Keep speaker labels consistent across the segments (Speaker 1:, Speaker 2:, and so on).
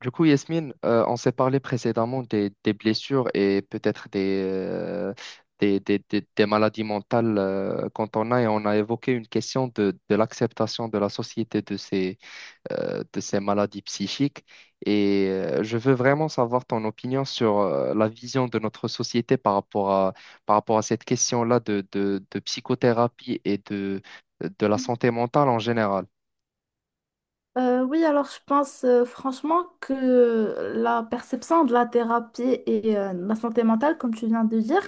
Speaker 1: Du coup, Yasmine, on s'est parlé précédemment des blessures et peut-être des maladies mentales quand on a, et on a évoqué une question de l'acceptation de la société de de ces maladies psychiques. Et je veux vraiment savoir ton opinion sur la vision de notre société par rapport à cette question-là de psychothérapie et de la santé mentale en général.
Speaker 2: Oui, alors je pense franchement que la perception de la thérapie et de la santé mentale, comme tu viens de dire,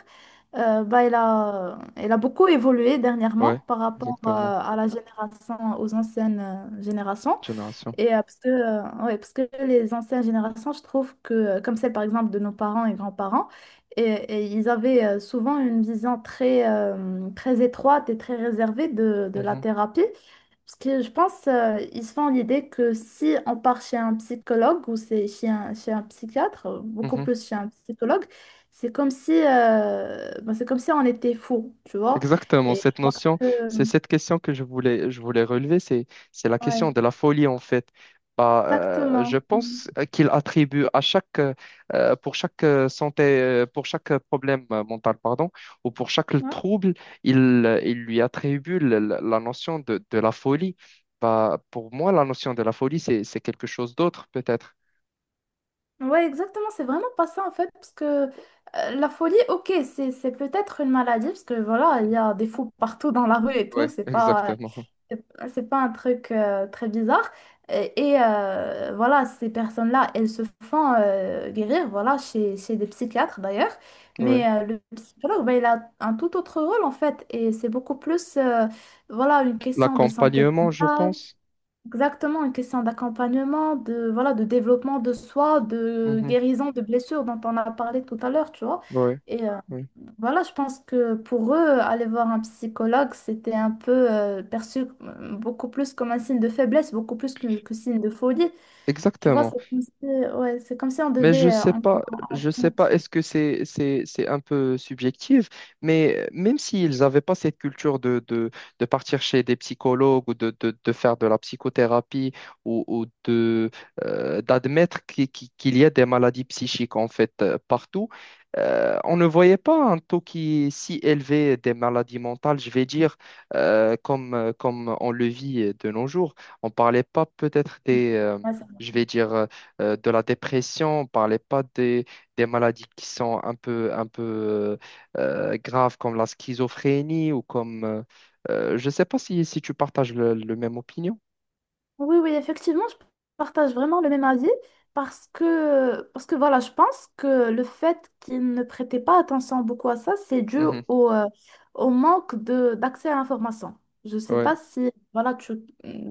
Speaker 2: elle a beaucoup évolué dernièrement
Speaker 1: Ouais,
Speaker 2: par rapport
Speaker 1: exactement.
Speaker 2: à la génération, aux anciennes générations.
Speaker 1: Génération.
Speaker 2: Et ouais, parce que les anciennes générations, je trouve que, comme celle par exemple de nos parents et grands-parents, et ils avaient souvent une vision très, très étroite et très réservée de la
Speaker 1: Mhm,
Speaker 2: thérapie. Parce que je pense ils se font l'idée que si on part chez un psychologue ou c'est chez un psychiatre, beaucoup
Speaker 1: mhm.
Speaker 2: plus chez un psychologue, c'est comme si on était fou, tu vois.
Speaker 1: Exactement,
Speaker 2: Et
Speaker 1: cette
Speaker 2: alors
Speaker 1: notion,
Speaker 2: que,
Speaker 1: c'est cette question que je voulais relever, c'est la
Speaker 2: ouais,
Speaker 1: question de la folie en fait.
Speaker 2: exactement.
Speaker 1: Je
Speaker 2: Mm.
Speaker 1: pense qu'il attribue à pour chaque santé, pour chaque problème mental, pardon, ou pour chaque
Speaker 2: Ouais.
Speaker 1: trouble, il lui attribue la notion de la folie. Bah, pour moi, la notion de la folie, c'est quelque chose d'autre peut-être.
Speaker 2: Ouais, exactement, c'est vraiment pas ça en fait, parce que la folie, OK, c'est peut-être une maladie, parce que voilà, il y a des fous partout dans la rue et
Speaker 1: Oui,
Speaker 2: tout,
Speaker 1: exactement.
Speaker 2: c'est c'est pas un truc très bizarre. Et voilà, ces personnes-là, elles se font guérir, voilà, chez des psychiatres d'ailleurs, mais
Speaker 1: Ouais.
Speaker 2: le psychologue, ben, il a un tout autre rôle en fait, et c'est beaucoup plus, voilà, une question de santé
Speaker 1: L'accompagnement, je
Speaker 2: mentale.
Speaker 1: pense.
Speaker 2: Exactement, une question d'accompagnement, de, voilà, de développement de soi, de
Speaker 1: Mhm.
Speaker 2: guérison de blessures dont on a parlé tout à l'heure, tu vois.
Speaker 1: Ouais,
Speaker 2: Et
Speaker 1: ouais.
Speaker 2: voilà, je pense que pour eux, aller voir un psychologue, c'était un peu perçu beaucoup plus comme un signe de faiblesse, beaucoup plus que signe de folie. Tu vois, c'est
Speaker 1: Exactement.
Speaker 2: comme si, ouais, c'est comme si on
Speaker 1: Mais
Speaker 2: devait... en-
Speaker 1: je sais pas, est-ce que c'est c'est un peu subjectif, mais même s'ils n'avaient pas cette culture de partir chez des psychologues ou de faire de la psychothérapie ou de d'admettre qu'il y a des maladies psychiques en fait partout, on ne voyait pas un taux qui est si élevé des maladies mentales, je vais dire, comme on le vit de nos jours. On parlait pas peut-être des
Speaker 2: ouais.
Speaker 1: je vais dire de la dépression, on parlait pas des maladies qui sont un peu graves comme la schizophrénie ou comme... je sais pas si, si tu partages le même opinion.
Speaker 2: Oui, oui, effectivement, je partage vraiment le même avis parce que voilà, je pense que le fait qu'ils ne prêtaient pas attention beaucoup à ça, c'est dû
Speaker 1: Mhm.
Speaker 2: au, euh, au manque de, d'accès à l'information. Je ne sais
Speaker 1: Ouais.
Speaker 2: pas si voilà, tu,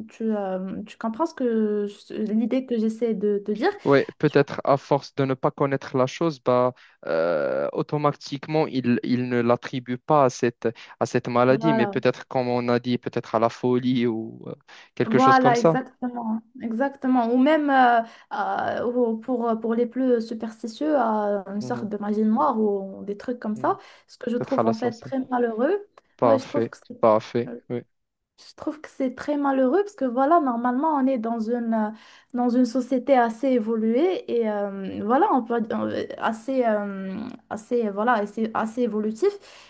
Speaker 2: tu, euh, tu comprends ce que l'idée que j'essaie de te dire.
Speaker 1: Ouais,
Speaker 2: Je-
Speaker 1: peut-être à force de ne pas connaître la chose, automatiquement, il ne l'attribue pas à à cette maladie, mais
Speaker 2: Voilà,
Speaker 1: peut-être, comme on a dit, peut-être à la folie ou quelque chose comme
Speaker 2: voilà,
Speaker 1: ça.
Speaker 2: exactement, exactement. Ou même ou pour les plus superstitieux, une sorte
Speaker 1: Mhm.
Speaker 2: de magie noire ou des trucs comme
Speaker 1: Mhm.
Speaker 2: ça, ce que je
Speaker 1: Peut-être à
Speaker 2: trouve
Speaker 1: la
Speaker 2: en fait
Speaker 1: sorcellerie.
Speaker 2: très malheureux. Ouais,
Speaker 1: Parfait, parfait.
Speaker 2: je trouve que c'est très malheureux parce que voilà, normalement, on est dans une société assez évoluée et voilà, on peut, assez, voilà, assez évolutif.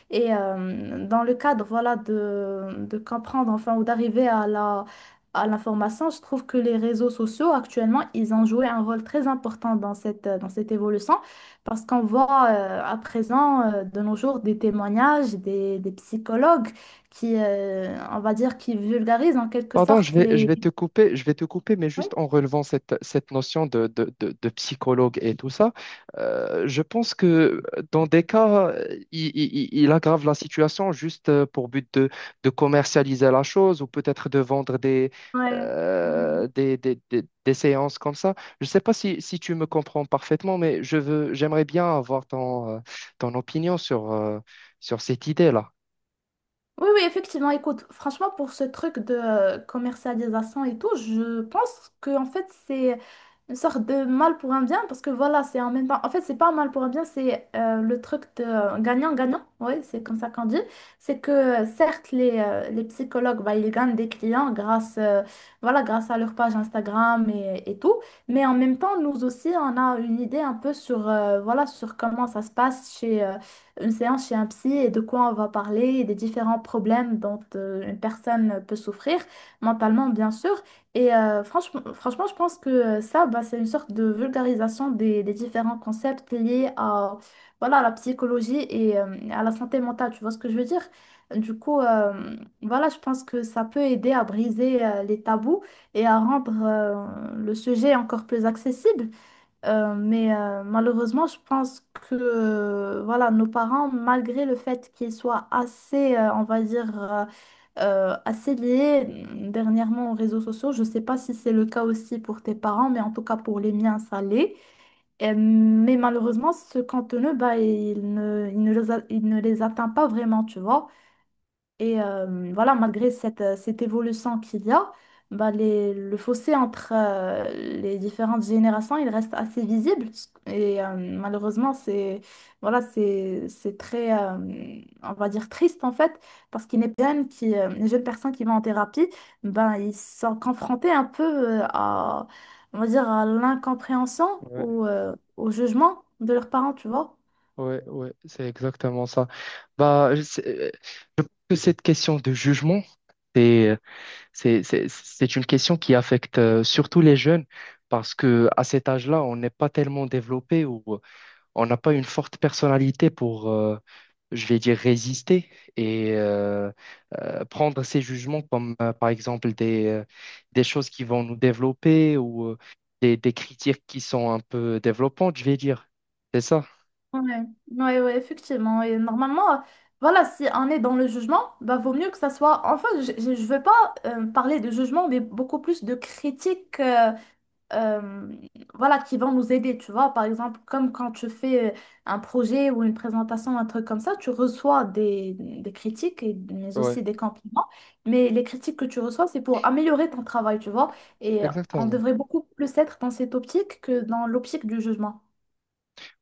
Speaker 2: Et dans le cadre, voilà, de comprendre, enfin, ou d'arriver à l'information, je trouve que les réseaux sociaux, actuellement, ils ont joué un rôle très important dans cette évolution parce qu'on voit à présent, de nos jours, des témoignages, des psychologues qui, on va dire, qui vulgarise en quelque
Speaker 1: Pardon,
Speaker 2: sorte
Speaker 1: je
Speaker 2: les...
Speaker 1: vais te couper, je vais te couper, mais
Speaker 2: Oui.
Speaker 1: juste en relevant cette notion de psychologue et tout ça, je pense que dans des cas, il aggrave la situation juste pour but de commercialiser la chose ou peut-être de vendre
Speaker 2: Ouais. Mm.
Speaker 1: des séances comme ça. Je ne sais pas si, si tu me comprends parfaitement, mais je veux, j'aimerais bien avoir ton opinion sur cette idée-là.
Speaker 2: Oui, oui, effectivement. Écoute, franchement, pour ce truc de commercialisation et tout, je pense que en fait, c'est une sorte de mal pour un bien parce que voilà, c'est en même temps. En fait, c'est pas un mal pour un bien, c'est le truc de gagnant-gagnant. Oui, c'est comme ça qu'on dit. C'est que certes, les psychologues, bah, ils gagnent des clients grâce à leur page Instagram et tout. Mais en même temps, nous aussi, on a une idée un peu sur comment ça se passe une séance chez un psy et de quoi on va parler, et des différents problèmes dont une personne peut souffrir, mentalement bien sûr. Et franchement, franchement, je pense que ça, bah, c'est une sorte de vulgarisation des différents concepts liés à la psychologie et à la santé mentale, tu vois ce que je veux dire? Du coup, voilà, je pense que ça peut aider à briser les tabous et à rendre le sujet encore plus accessible. Mais malheureusement, je pense que voilà, nos parents, malgré le fait qu'ils soient assez, on va dire, assez liés dernièrement aux réseaux sociaux, je ne sais pas si c'est le cas aussi pour tes parents, mais en tout cas pour les miens, ça l'est. Mais malheureusement, ce contenu, bah, il ne les atteint pas vraiment, tu vois. Et voilà, malgré cette évolution qu'il y a, bah, le fossé entre les différentes générations, il reste assez visible. Et malheureusement, c'est très, on va dire, triste en fait, parce qu'il y a les jeunes personnes qui vont en thérapie, ben, ils sont confrontés un peu à, on va dire, à l'incompréhension ou au jugement de leurs parents, tu vois.
Speaker 1: Ouais, ouais, c'est exactement ça. Bah, je sais- euh, je pense que cette question de jugement, c'est, euh, c'est une question qui affecte surtout les jeunes parce que à cet âge-là, on n'est pas tellement développé ou on n'a pas une forte personnalité pour, je vais dire, résister et prendre ces jugements comme, par exemple, des choses qui vont nous développer ou des critiques qui sont un peu développantes, je vais dire. C'est ça?
Speaker 2: Ouais, ouais, ouais, effectivement. Et normalement, voilà, si on est dans le jugement, bah, vaut mieux que ça soit. Enfin, je veux pas parler de jugement, mais beaucoup plus de critiques euh, voilà, qui vont nous aider. Tu vois, par exemple, comme quand tu fais un projet ou une présentation, un truc comme ça, tu reçois des critiques, mais
Speaker 1: Ouais,
Speaker 2: aussi des compliments. Mais les critiques que tu reçois, c'est pour améliorer ton travail, tu vois. Et on
Speaker 1: exactement.
Speaker 2: devrait beaucoup plus être dans cette optique que dans l'optique du jugement.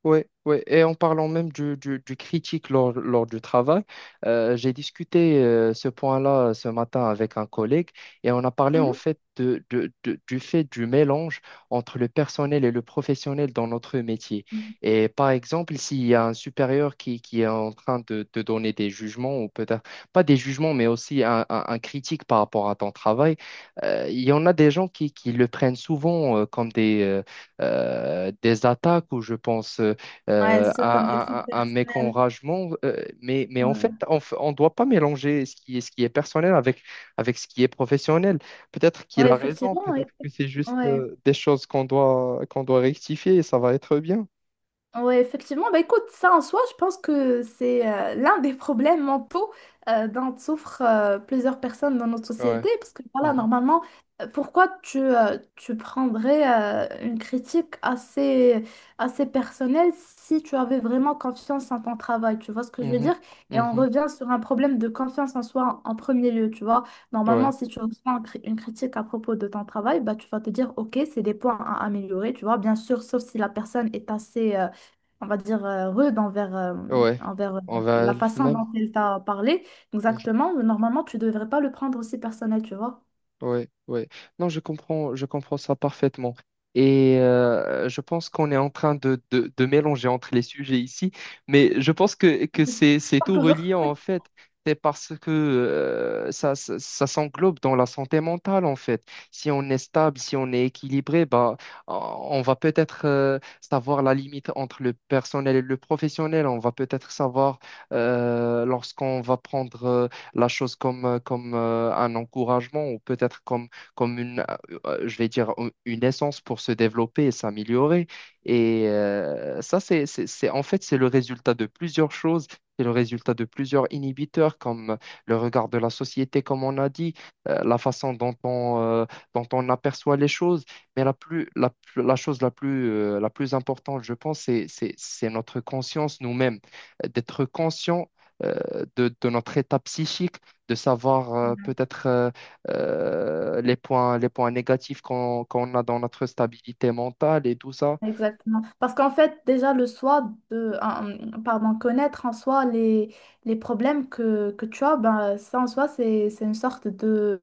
Speaker 1: Ouais, ouais. Et en parlant même du critique lors du travail, j'ai discuté ce point-là ce matin avec un collègue et on a parlé en fait du fait du mélange entre le personnel et le professionnel dans notre métier.
Speaker 2: Mhm.
Speaker 1: Et par exemple, s'il y a un supérieur qui est en train de donner des jugements, ou peut-être pas des jugements, mais aussi un critique par rapport à ton travail, il y en a des gens qui le prennent souvent comme des attaques ou je pense.
Speaker 2: Ouais, c'est comme des trucs
Speaker 1: À mes
Speaker 2: personnels.
Speaker 1: enragements. Mais en fait,
Speaker 2: Ouais,
Speaker 1: on ne doit pas mélanger ce qui est personnel avec, avec ce qui est professionnel. Peut-être qu'il
Speaker 2: ouais,
Speaker 1: a raison,
Speaker 2: effectivement. Ouais.
Speaker 1: peut-être que c'est juste
Speaker 2: Ouais.
Speaker 1: des choses qu'on doit rectifier et ça va être bien.
Speaker 2: Oui, effectivement. Bah, écoute, ça en soi, je pense que c'est l'un des problèmes mentaux dont souffrent plusieurs personnes dans notre
Speaker 1: Ouais.
Speaker 2: société. Parce que voilà,
Speaker 1: Mhm.
Speaker 2: normalement, pourquoi tu prendrais une critique assez, assez personnelle si tu avais vraiment confiance en ton travail? Tu vois ce que je veux
Speaker 1: Mhm.
Speaker 2: dire? Et on
Speaker 1: Mhm.
Speaker 2: revient sur un problème de confiance en soi en premier lieu. Tu vois, normalement,
Speaker 1: Ouais.
Speaker 2: si tu reçois une critique à propos de ton travail, bah, tu vas te dire, OK, c'est des points à améliorer. Tu vois, bien sûr, sauf si la personne est assez... on va dire, rude envers, euh,
Speaker 1: Ouais.
Speaker 2: envers euh,
Speaker 1: On va
Speaker 2: la
Speaker 1: le
Speaker 2: façon
Speaker 1: même.
Speaker 2: dont elle t'a parlé, exactement, normalement, tu devrais pas le prendre aussi personnel, tu vois.
Speaker 1: Oui, oui. Non, je comprends ça parfaitement. Et je pense qu'on est en train de mélanger entre les sujets ici, mais je pense que c'est
Speaker 2: Pas
Speaker 1: tout
Speaker 2: toujours.
Speaker 1: relié en fait. C'est parce que ça s'englobe dans la santé mentale en fait. Si on est stable, si on est équilibré, bah, on va peut-être savoir la limite entre le personnel et le professionnel. On va peut-être savoir lorsqu'on va prendre la chose comme, un encouragement ou peut-être comme, comme je vais dire, une essence pour se développer et s'améliorer. Et ça, en fait, c'est le résultat de plusieurs choses. C'est le résultat de plusieurs inhibiteurs, comme le regard de la société, comme on a dit, la façon dont on aperçoit les choses. Mais la chose la plus importante, je pense, c'est notre conscience nous-mêmes. D'être conscient euh, de notre état psychique, de savoir les points négatifs qu'on a dans notre stabilité mentale et tout ça.
Speaker 2: Exactement. Parce qu'en fait, déjà, le soi de, un- pardon, connaître en soi les problèmes que tu as, ben, ça en soi, c'est une sorte de,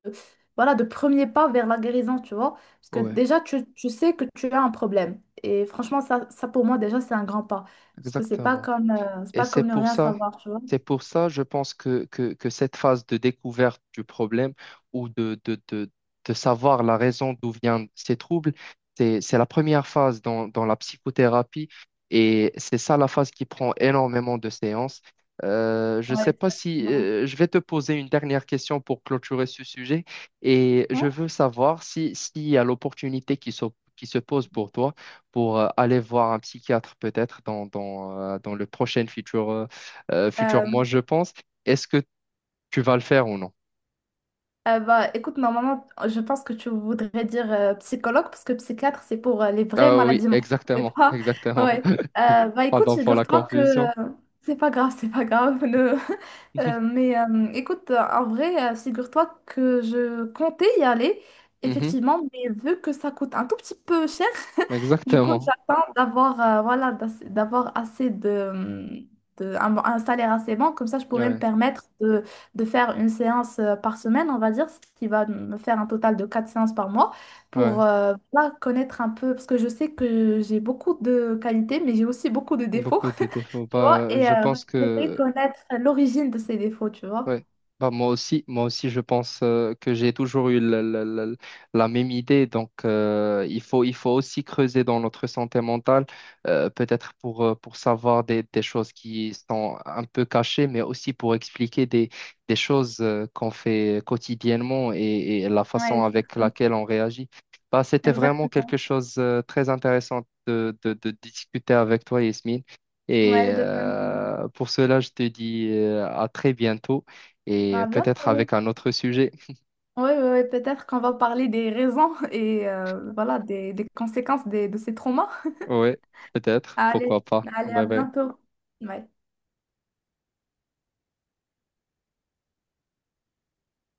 Speaker 2: voilà, de premier pas vers la guérison, tu vois. Parce que
Speaker 1: Ouais,
Speaker 2: déjà, tu sais que tu as un problème. Et franchement, ça pour moi, déjà, c'est un grand pas. Parce que c'est pas
Speaker 1: exactement.
Speaker 2: comme, euh, c'est
Speaker 1: Et
Speaker 2: pas comme ne rien savoir, tu vois.
Speaker 1: c'est pour ça, je pense que cette phase de découverte du problème ou de savoir la raison d'où viennent ces troubles, c'est la première phase dans la psychothérapie et c'est ça la phase qui prend énormément de séances. Je ne
Speaker 2: Ouais,
Speaker 1: sais pas si
Speaker 2: exactement.
Speaker 1: je vais te poser une dernière question pour clôturer ce sujet et je
Speaker 2: Hein.
Speaker 1: veux savoir si, s'il y a l'opportunité qui se pose pour toi pour aller voir un psychiatre peut-être dans le prochain futur, futur
Speaker 2: Euh,
Speaker 1: mois, je pense. Est-ce que tu vas le faire ou non?
Speaker 2: bah, écoute, normalement, je pense que tu voudrais dire psychologue, parce que psychiatre, c'est pour les vraies
Speaker 1: Ah oui,
Speaker 2: maladies mentales, c'est
Speaker 1: exactement,
Speaker 2: pas...
Speaker 1: exactement.
Speaker 2: Ouais. Euh, bah, écoute,
Speaker 1: Pardon pour la
Speaker 2: figure-toi que...
Speaker 1: confusion.
Speaker 2: euh, c'est pas grave, c'est pas grave. Euh, mais euh, écoute, en vrai, figure-toi que je comptais y aller,
Speaker 1: Mhm,
Speaker 2: effectivement, mais vu que ça coûte un tout petit peu cher, du coup,
Speaker 1: exactement.
Speaker 2: j'attends d'avoir voilà, d'avoir assez de, un salaire assez bon, comme ça, je pourrais me
Speaker 1: Ouais,
Speaker 2: permettre de faire une séance par semaine, on va dire, ce qui va me faire un total de 4 séances par mois
Speaker 1: ouais.
Speaker 2: pour voilà, connaître un peu, parce que je sais que j'ai beaucoup de qualités, mais j'ai aussi beaucoup de défauts,
Speaker 1: Beaucoup de défauts.
Speaker 2: tu vois,
Speaker 1: Bah,
Speaker 2: et
Speaker 1: je pense
Speaker 2: j'aimerais
Speaker 1: que
Speaker 2: connaître l'origine de ces défauts, tu vois.
Speaker 1: ouais. Bah, moi aussi, je pense que j'ai toujours eu la même idée. Donc, il faut aussi creuser dans notre santé mentale, peut-être pour savoir des choses qui sont un peu cachées, mais aussi pour expliquer des choses qu'on fait quotidiennement et la
Speaker 2: Ouais,
Speaker 1: façon avec
Speaker 2: exactement.
Speaker 1: laquelle on réagit. Bah, c'était vraiment quelque
Speaker 2: Exactement.
Speaker 1: chose de très intéressant de discuter avec toi, Yasmine. Et
Speaker 2: Ouais, de même.
Speaker 1: pour cela, je te dis à très bientôt et
Speaker 2: Ah,
Speaker 1: peut-être
Speaker 2: bientôt.
Speaker 1: avec un autre sujet.
Speaker 2: Oui, ouais, ouais, ouais, peut-être qu'on va parler des raisons et voilà, des conséquences de ces traumas.
Speaker 1: Ouais, peut-être,
Speaker 2: Allez,
Speaker 1: pourquoi pas.
Speaker 2: allez, à
Speaker 1: Bye bye.
Speaker 2: bientôt. Ouais.